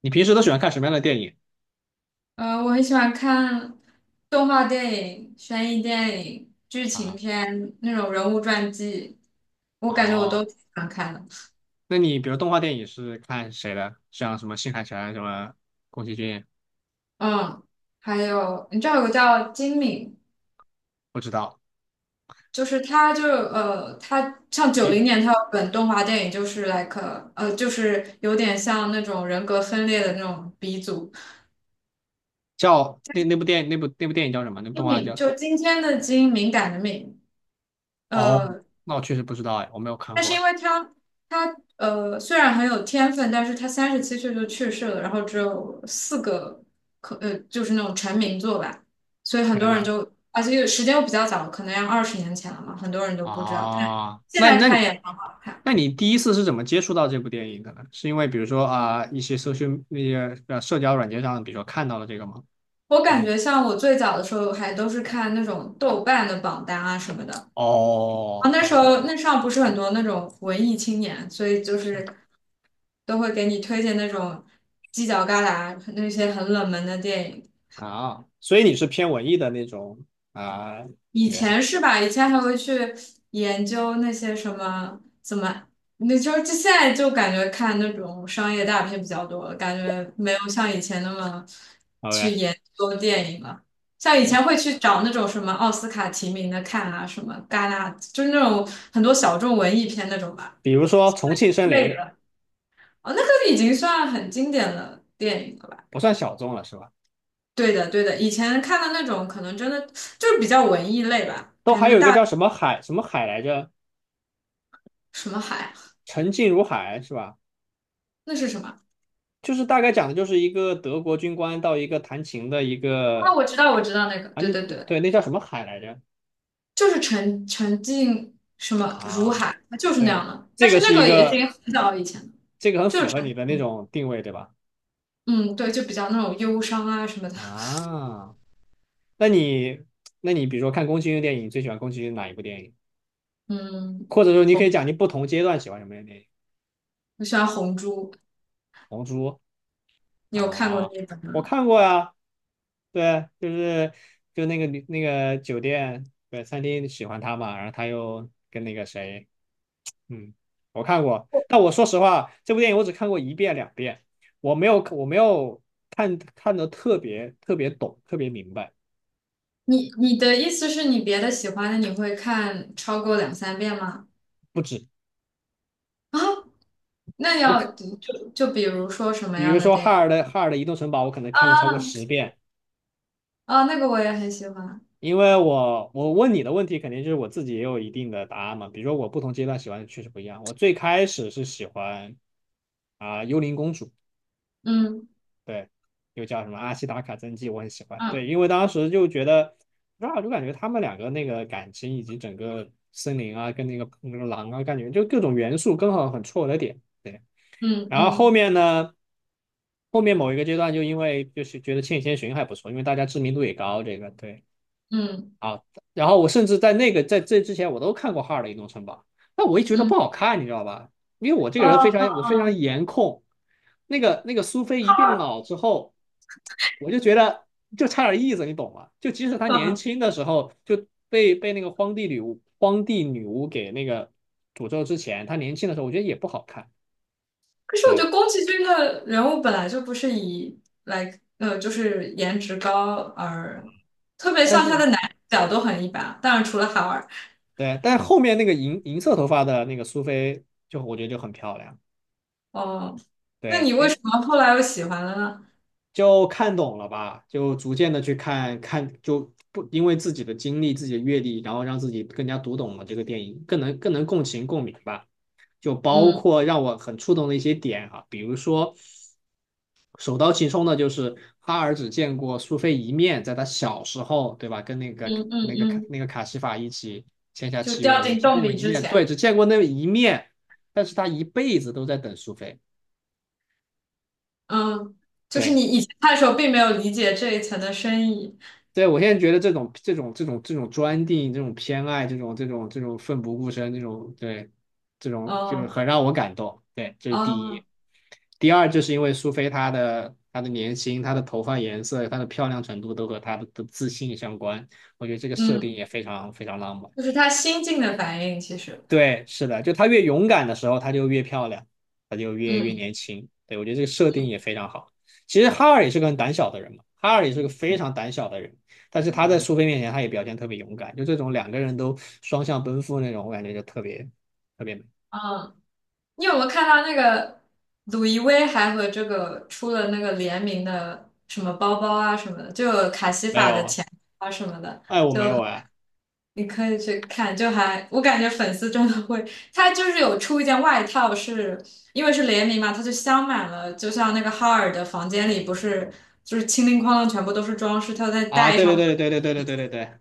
你平时都喜欢看什么样的电影我很喜欢看动画电影、悬疑电影、剧情啊？片那种人物传记，我感觉我都哦，挺喜欢看的。那你比如动画电影是看谁的？像什么新海诚、什么宫崎骏，嗯，还有你知道有个叫金敏，不知道。就是他像九比零年他有本动画电影，就是有点像那种人格分裂的那种鼻祖。叫那部电影，那部电影叫什么？那部金动画敏叫……就今天的金，敏感的敏。哦，呃。那我确实不知道哎，我没有看但是过因哎。为他虽然很有天分，但是他37岁就去世了，然后只有4个就是那种成名作吧，所以很天多人呐，就而且又时间又比较早，可能要20年前了嘛，很多人都不知道，但啊，现那在那看你也很好看。那你第一次是怎么接触到这部电影的呢？是因为比如说啊、一些社群那些社交软件上，比如说看到了这个吗？我还感是？觉像我最早的时候还都是看那种豆瓣的榜单啊什么的，啊哦，那我也时不得。候那上不是很多那种文艺青年，所以就是。是都会给你推荐那种犄角旮旯那些很冷门的电影。啊，所以你是偏文艺的那种啊，以人前是吧？以前还会去研究那些什么怎么，那就是就现在就感觉看那种商业大片比较多了，感觉没有像以前那么去，OK，研究电影了。像以前会去找那种什么奥斯卡提名的看啊，什么戛纳，就是那种很多小众文艺片那种吧。比如说重庆森累林了。哦，那个已经算很经典的电影了吧？不算小众了是吧？对的，对的，以前看的那种可能真的就是比较文艺类吧，都感还觉有一个大叫什么海什么海来着，什么海，沉静如海是吧？那是什么？就是大概讲的就是一个德国军官到一个弹琴的一啊，个我知道，我知道那个，啊。对那对对，对，那叫什么海来着就是沉浸什么如啊？海，它就是那对，样的。但这是个那是一个也已经个，很早以前了，这个很就是符合你沉，的那种定位对吧？嗯，对，就比较那种忧伤啊什么的。啊，那你那你比如说看宫崎骏的电影，你最喜欢宫崎骏哪一部电影？嗯，或者说你可以红，讲你不同阶段喜欢什么样的电影？我喜欢红珠，红猪你有看过那啊，一本我吗？看过呀，对，就那个女那个酒店对餐厅喜欢他嘛，然后他又跟那个谁，嗯，我看过，但我说实话，这部电影我只看过一遍两遍，我没有看的特别特别懂，特别明白，你的意思是你别的喜欢的你会看超过两三遍吗？不止， 啊，那我可要就比如说什么比样如的说电哈影。尔的哈尔的移动城堡，我可能看了超过啊10遍，啊，那个我也很喜欢，因为我问你的问题，肯定就是我自己也有一定的答案嘛。比如说我不同阶段喜欢的确实不一样。我最开始是喜欢啊、幽灵公主，嗯对，又叫什么阿西达卡真纪，我很喜欢。对，嗯因为当时就觉得，不知道就感觉他们两个那个感情以及整个森林啊，跟那个那个狼啊，感觉就各种元素刚好很戳我的点。对，嗯然后后嗯面呢？后面某一个阶段，就因为就是觉得《千与千寻》还不错，因为大家知名度也高，这个对，嗯啊，然后我甚至在那个在这之前我都看过哈尔的移动城堡，但我一觉得嗯。不好看，你知道吧？因为我这嗯个人非嗯常，我非常嗯，颜控，那个那个苏菲一变他老之后，我就觉得就差点意思，你懂吗？就即使她年嗯，轻的时候就被那个荒地女巫给那个诅咒之前，她年轻的时候我觉得也不好看，可是我觉对，得宫崎骏的人物本来就不是以就是颜值高而，特别但像他是的男主角都很一般，当然除了哈尔。对，但是后面那个银色头发的那个苏菲就我觉得就很漂亮。哦，那你对，为什哎，么后来又喜欢了呢？就看懂了吧，就逐渐的去看看，就不，因为自己的经历、自己的阅历，然后让自己更加读懂了这个电影，更能，更能共情共鸣吧。就包嗯括让我很触动的一些点啊，比如说首当其冲的就是哈尔只见过苏菲一面，在他小时候，对吧？跟那个嗯嗯那个卡嗯，那个卡西法一起签下就契约掉的时候，进只洞见过里一之面，对，前，只见过那一面，但是他一辈子都在等苏菲。嗯，就是对，你以前看的时候并没有理解这一层的深意。对，我现在觉得这种专定、这种偏爱、这种奋不顾身、这种，对，这种就是哦很让我感动。对，这是第哦，一。第二，就是因为苏菲她的年轻、她的头发颜色、她的漂亮程度都和她的自信相关，我觉得这个设定嗯，也非常非常浪漫。就是他心境的反应，其实，对，是的，就她越勇敢的时候，她就越漂亮，她就越嗯年轻。对，我觉得这个设定也非常好。其实哈尔也是个很胆小的人嘛，哈尔也是个非常胆小的人，但是他在苏菲面前，他也表现特别勇敢。就这种两个人都双向奔赴那种，我感觉就特别特别美。嗯。你有没有看到那个鲁易威还和这个出了那个联名的什么包包啊什么的，就有卡西没法有的啊，钱啊什么的，哎，我没有哎，你可以去看，就还我感觉粉丝真的会，他就是有出一件外套是，因为是联名嘛，他就镶满了，就像那个哈尔的房间里不是就是清零哐啷全部都是装饰，他再啊，戴对对上对对对对对对对对，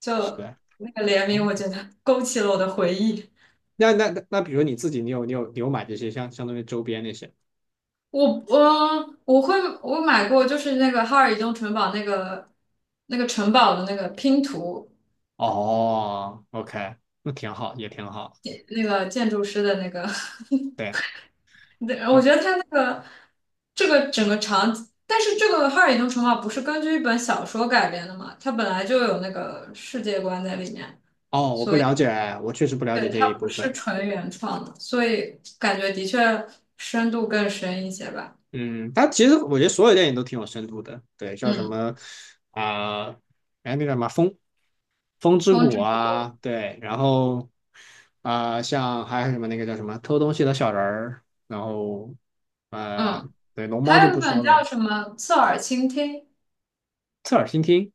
就是的。那个联名，哦，我觉得勾起了我的回忆。那比如你自己，你有买这些相当于周边那些？我会我买过，就是那个哈尔移动城堡那个那个城堡的那个拼图，哦，OK，那挺好，也挺好。那个建筑师的那个，对，对，我那。觉得他那个这个整个场景，但是这个哈尔移动城堡不是根据一本小说改编的嘛，它本来就有那个世界观在里面，哦，我不所以了解，我确实不了解对这它一不部是分。纯原创的，所以感觉的确深度更深一些吧。嗯，它其实我觉得所有电影都挺有深度的，对，像什嗯，么啊，哎、那个什么《风风之风谷》之谷，啊，对，然后啊、像还有什么那个叫什么偷东西的小人儿，然后呃，嗯，对，龙猫还就有不一本说了嘛，叫什么《侧耳倾听》。侧耳倾听，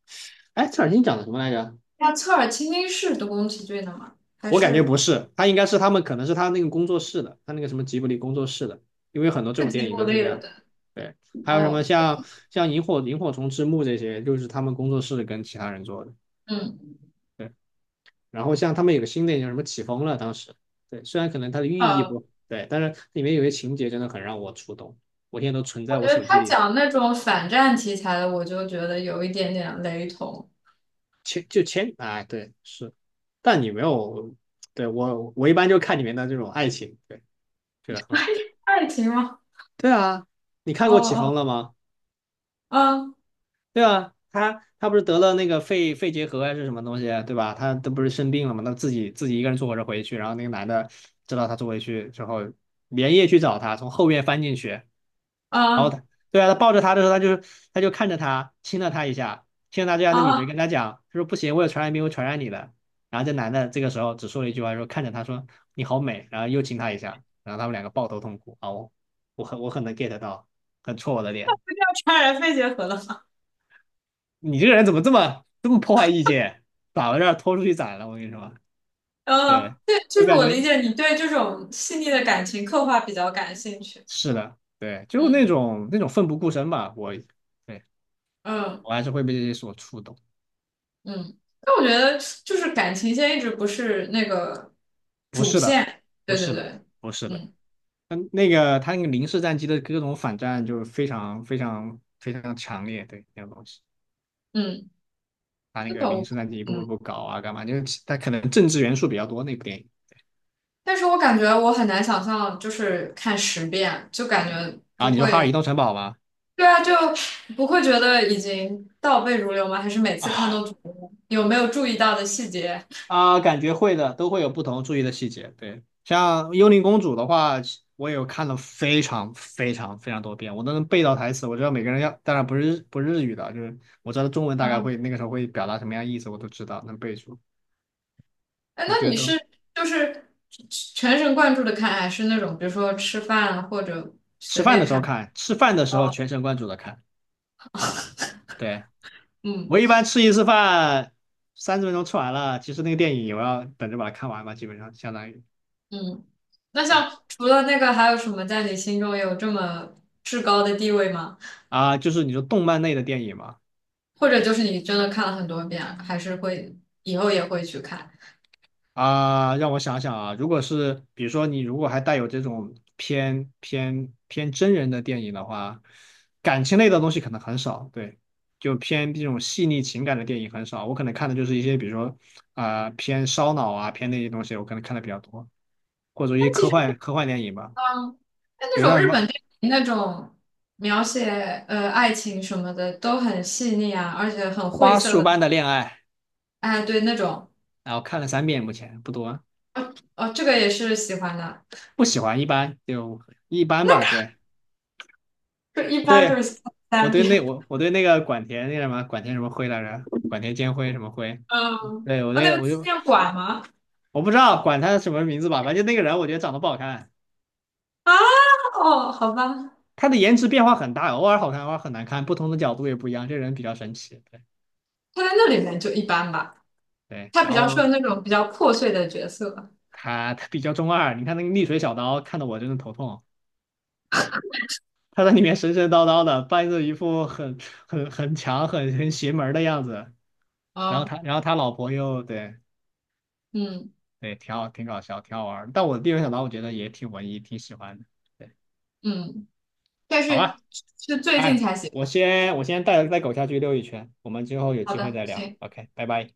哎，侧耳倾听讲的什么来着？那侧耳倾听是德国宫崎骏的吗？还我感觉是不是，他应该是，他们可能是他那个工作室的，他那个什么吉卜力工作室的，因为很多这是种吉电影卜都是力这的，样。对，对，还有什么哦，像像萤火虫之墓这些，就是他们工作室跟其他人做的。嗯对，然后像他们有个新的叫什么起风了，当时，对，虽然可能它的寓意呃，不对，但是里面有些情节真的很让我触动，我现在都存我在觉我得手机他里。讲那种反战题材的，我就觉得有一点点雷同。前就前，哎，对是，但你没有，对，我一般就看里面的这种爱情，对，觉得很好。爱情吗？对啊，你看哦过起风了哦吗？哦，对啊，他他不是得了那个肺结核还是什么东西，对吧？他都不是生病了嘛，他自己一个人坐火车回去，然后那个男的知道他坐回去之后，连夜去找他，从后院翻进去，然后啊他，对啊，他抱着他的时候，他就，他就看着他，亲了他一下，亲了他，这样啊的女的啊跟他讲，他说不行，我有传染病，会传染你的。然后这男的这个时候只说了一句话，说看着他说你好美，然后又亲他一下，然后他们两个抱头痛哭啊，我，我很能 get 到，很戳我的脸。就这样怅然肺结核了吗？你这个人怎么这么破坏意见，把我这儿拖出去宰了？我跟你说，对，对，就就是感我理觉，解你对这种细腻的感情刻画比较感兴趣。是的，对，就嗯那种那种奋不顾身吧。我，对，嗯我还是会被这些所触动。嗯，但我觉得就是感情线一直不是那个不主是的，线。不对对是的，对，不是的。嗯嗯，那个他那个零式战机的各种反战就是非常非常非常强烈，对那种东西。嗯。他那那个本零我式战机一步步嗯，步搞啊，干嘛？就是他可能政治元素比较多那部电影。但是我感觉我很难想象，就是看10遍，就感觉然后不你说《哈尔移会，动城堡》吗？对啊，就不会觉得已经倒背如流吗？还是每次看都啊。觉得有没有注意到的细节？啊，感觉会的，都会有不同注意的细节。对，像《幽灵公主》的话，我也有看了非常非常非常多遍，我都能背到台词。我知道每个人要，当然不是，不是日语的，就是我知道中文大概啊，会那个时候会表达什么样意思，我都知道能背住。哎，我那觉得你都，是就是全神贯注的看，还是那种比如说吃饭啊或者吃随饭便的时候看？看，吃饭的时候哦，全神贯注的看。对，嗯我一般吃一次饭，30分钟吃完了，其实那个电影我要等着把它看完吧，基本上相当于，嗯，那对像除了那个，还有什么在你心中有这么至高的地位吗？啊，就是你说动漫类的电影嘛。或者就是你真的看了很多遍，还是会以后也会去看。啊，让我想想啊，如果是比如说你如果还带有这种偏真人的电影的话，感情类的东西可能很少，对，就偏这种细腻情感的电影很少。我可能看的就是一些比如说啊、偏烧脑啊偏那些东西，我可能看的比较多，或者一但些其科实，幻科幻电影吧，嗯，但比那如种像什日么本电影那种描写爱情什么的都很细腻啊，而且很晦《花涩束的。般的恋爱》，哎，对，那种，然后看了3遍，目前不多，哦哦，这个也是喜欢的，不喜欢，一般就一般吧，对。就一般就是对，我三对遍。那我 我对那个管田，那个什么管田什么辉来着，管田兼辉什么辉，嗯，对我哦，那对个我纪就念馆吗？我不知道管他什么名字吧，反正就那个人我觉得长得不好看，啊，哦，好吧，他的颜值变化很大，偶尔好看，偶尔很难看，不同的角度也不一样，这人比较神奇。对，他在那里面就一般吧，对，他比然较适合后那种比较破碎的角色。他比较中二，你看那个溺水小刀看得我真的头痛，他在里面神神叨叨的，扮着一副很很强很邪门儿的样子，然啊，后他然后他老婆又，对。嗯对，挺好，挺搞笑，挺好玩儿。但我第一回想到，我觉得也挺文艺，挺喜欢的。对，嗯，但好是吧，是最近哎，才喜。我先带带狗下去溜一圈，我们之后有好机会的，再聊。行。OK，拜拜。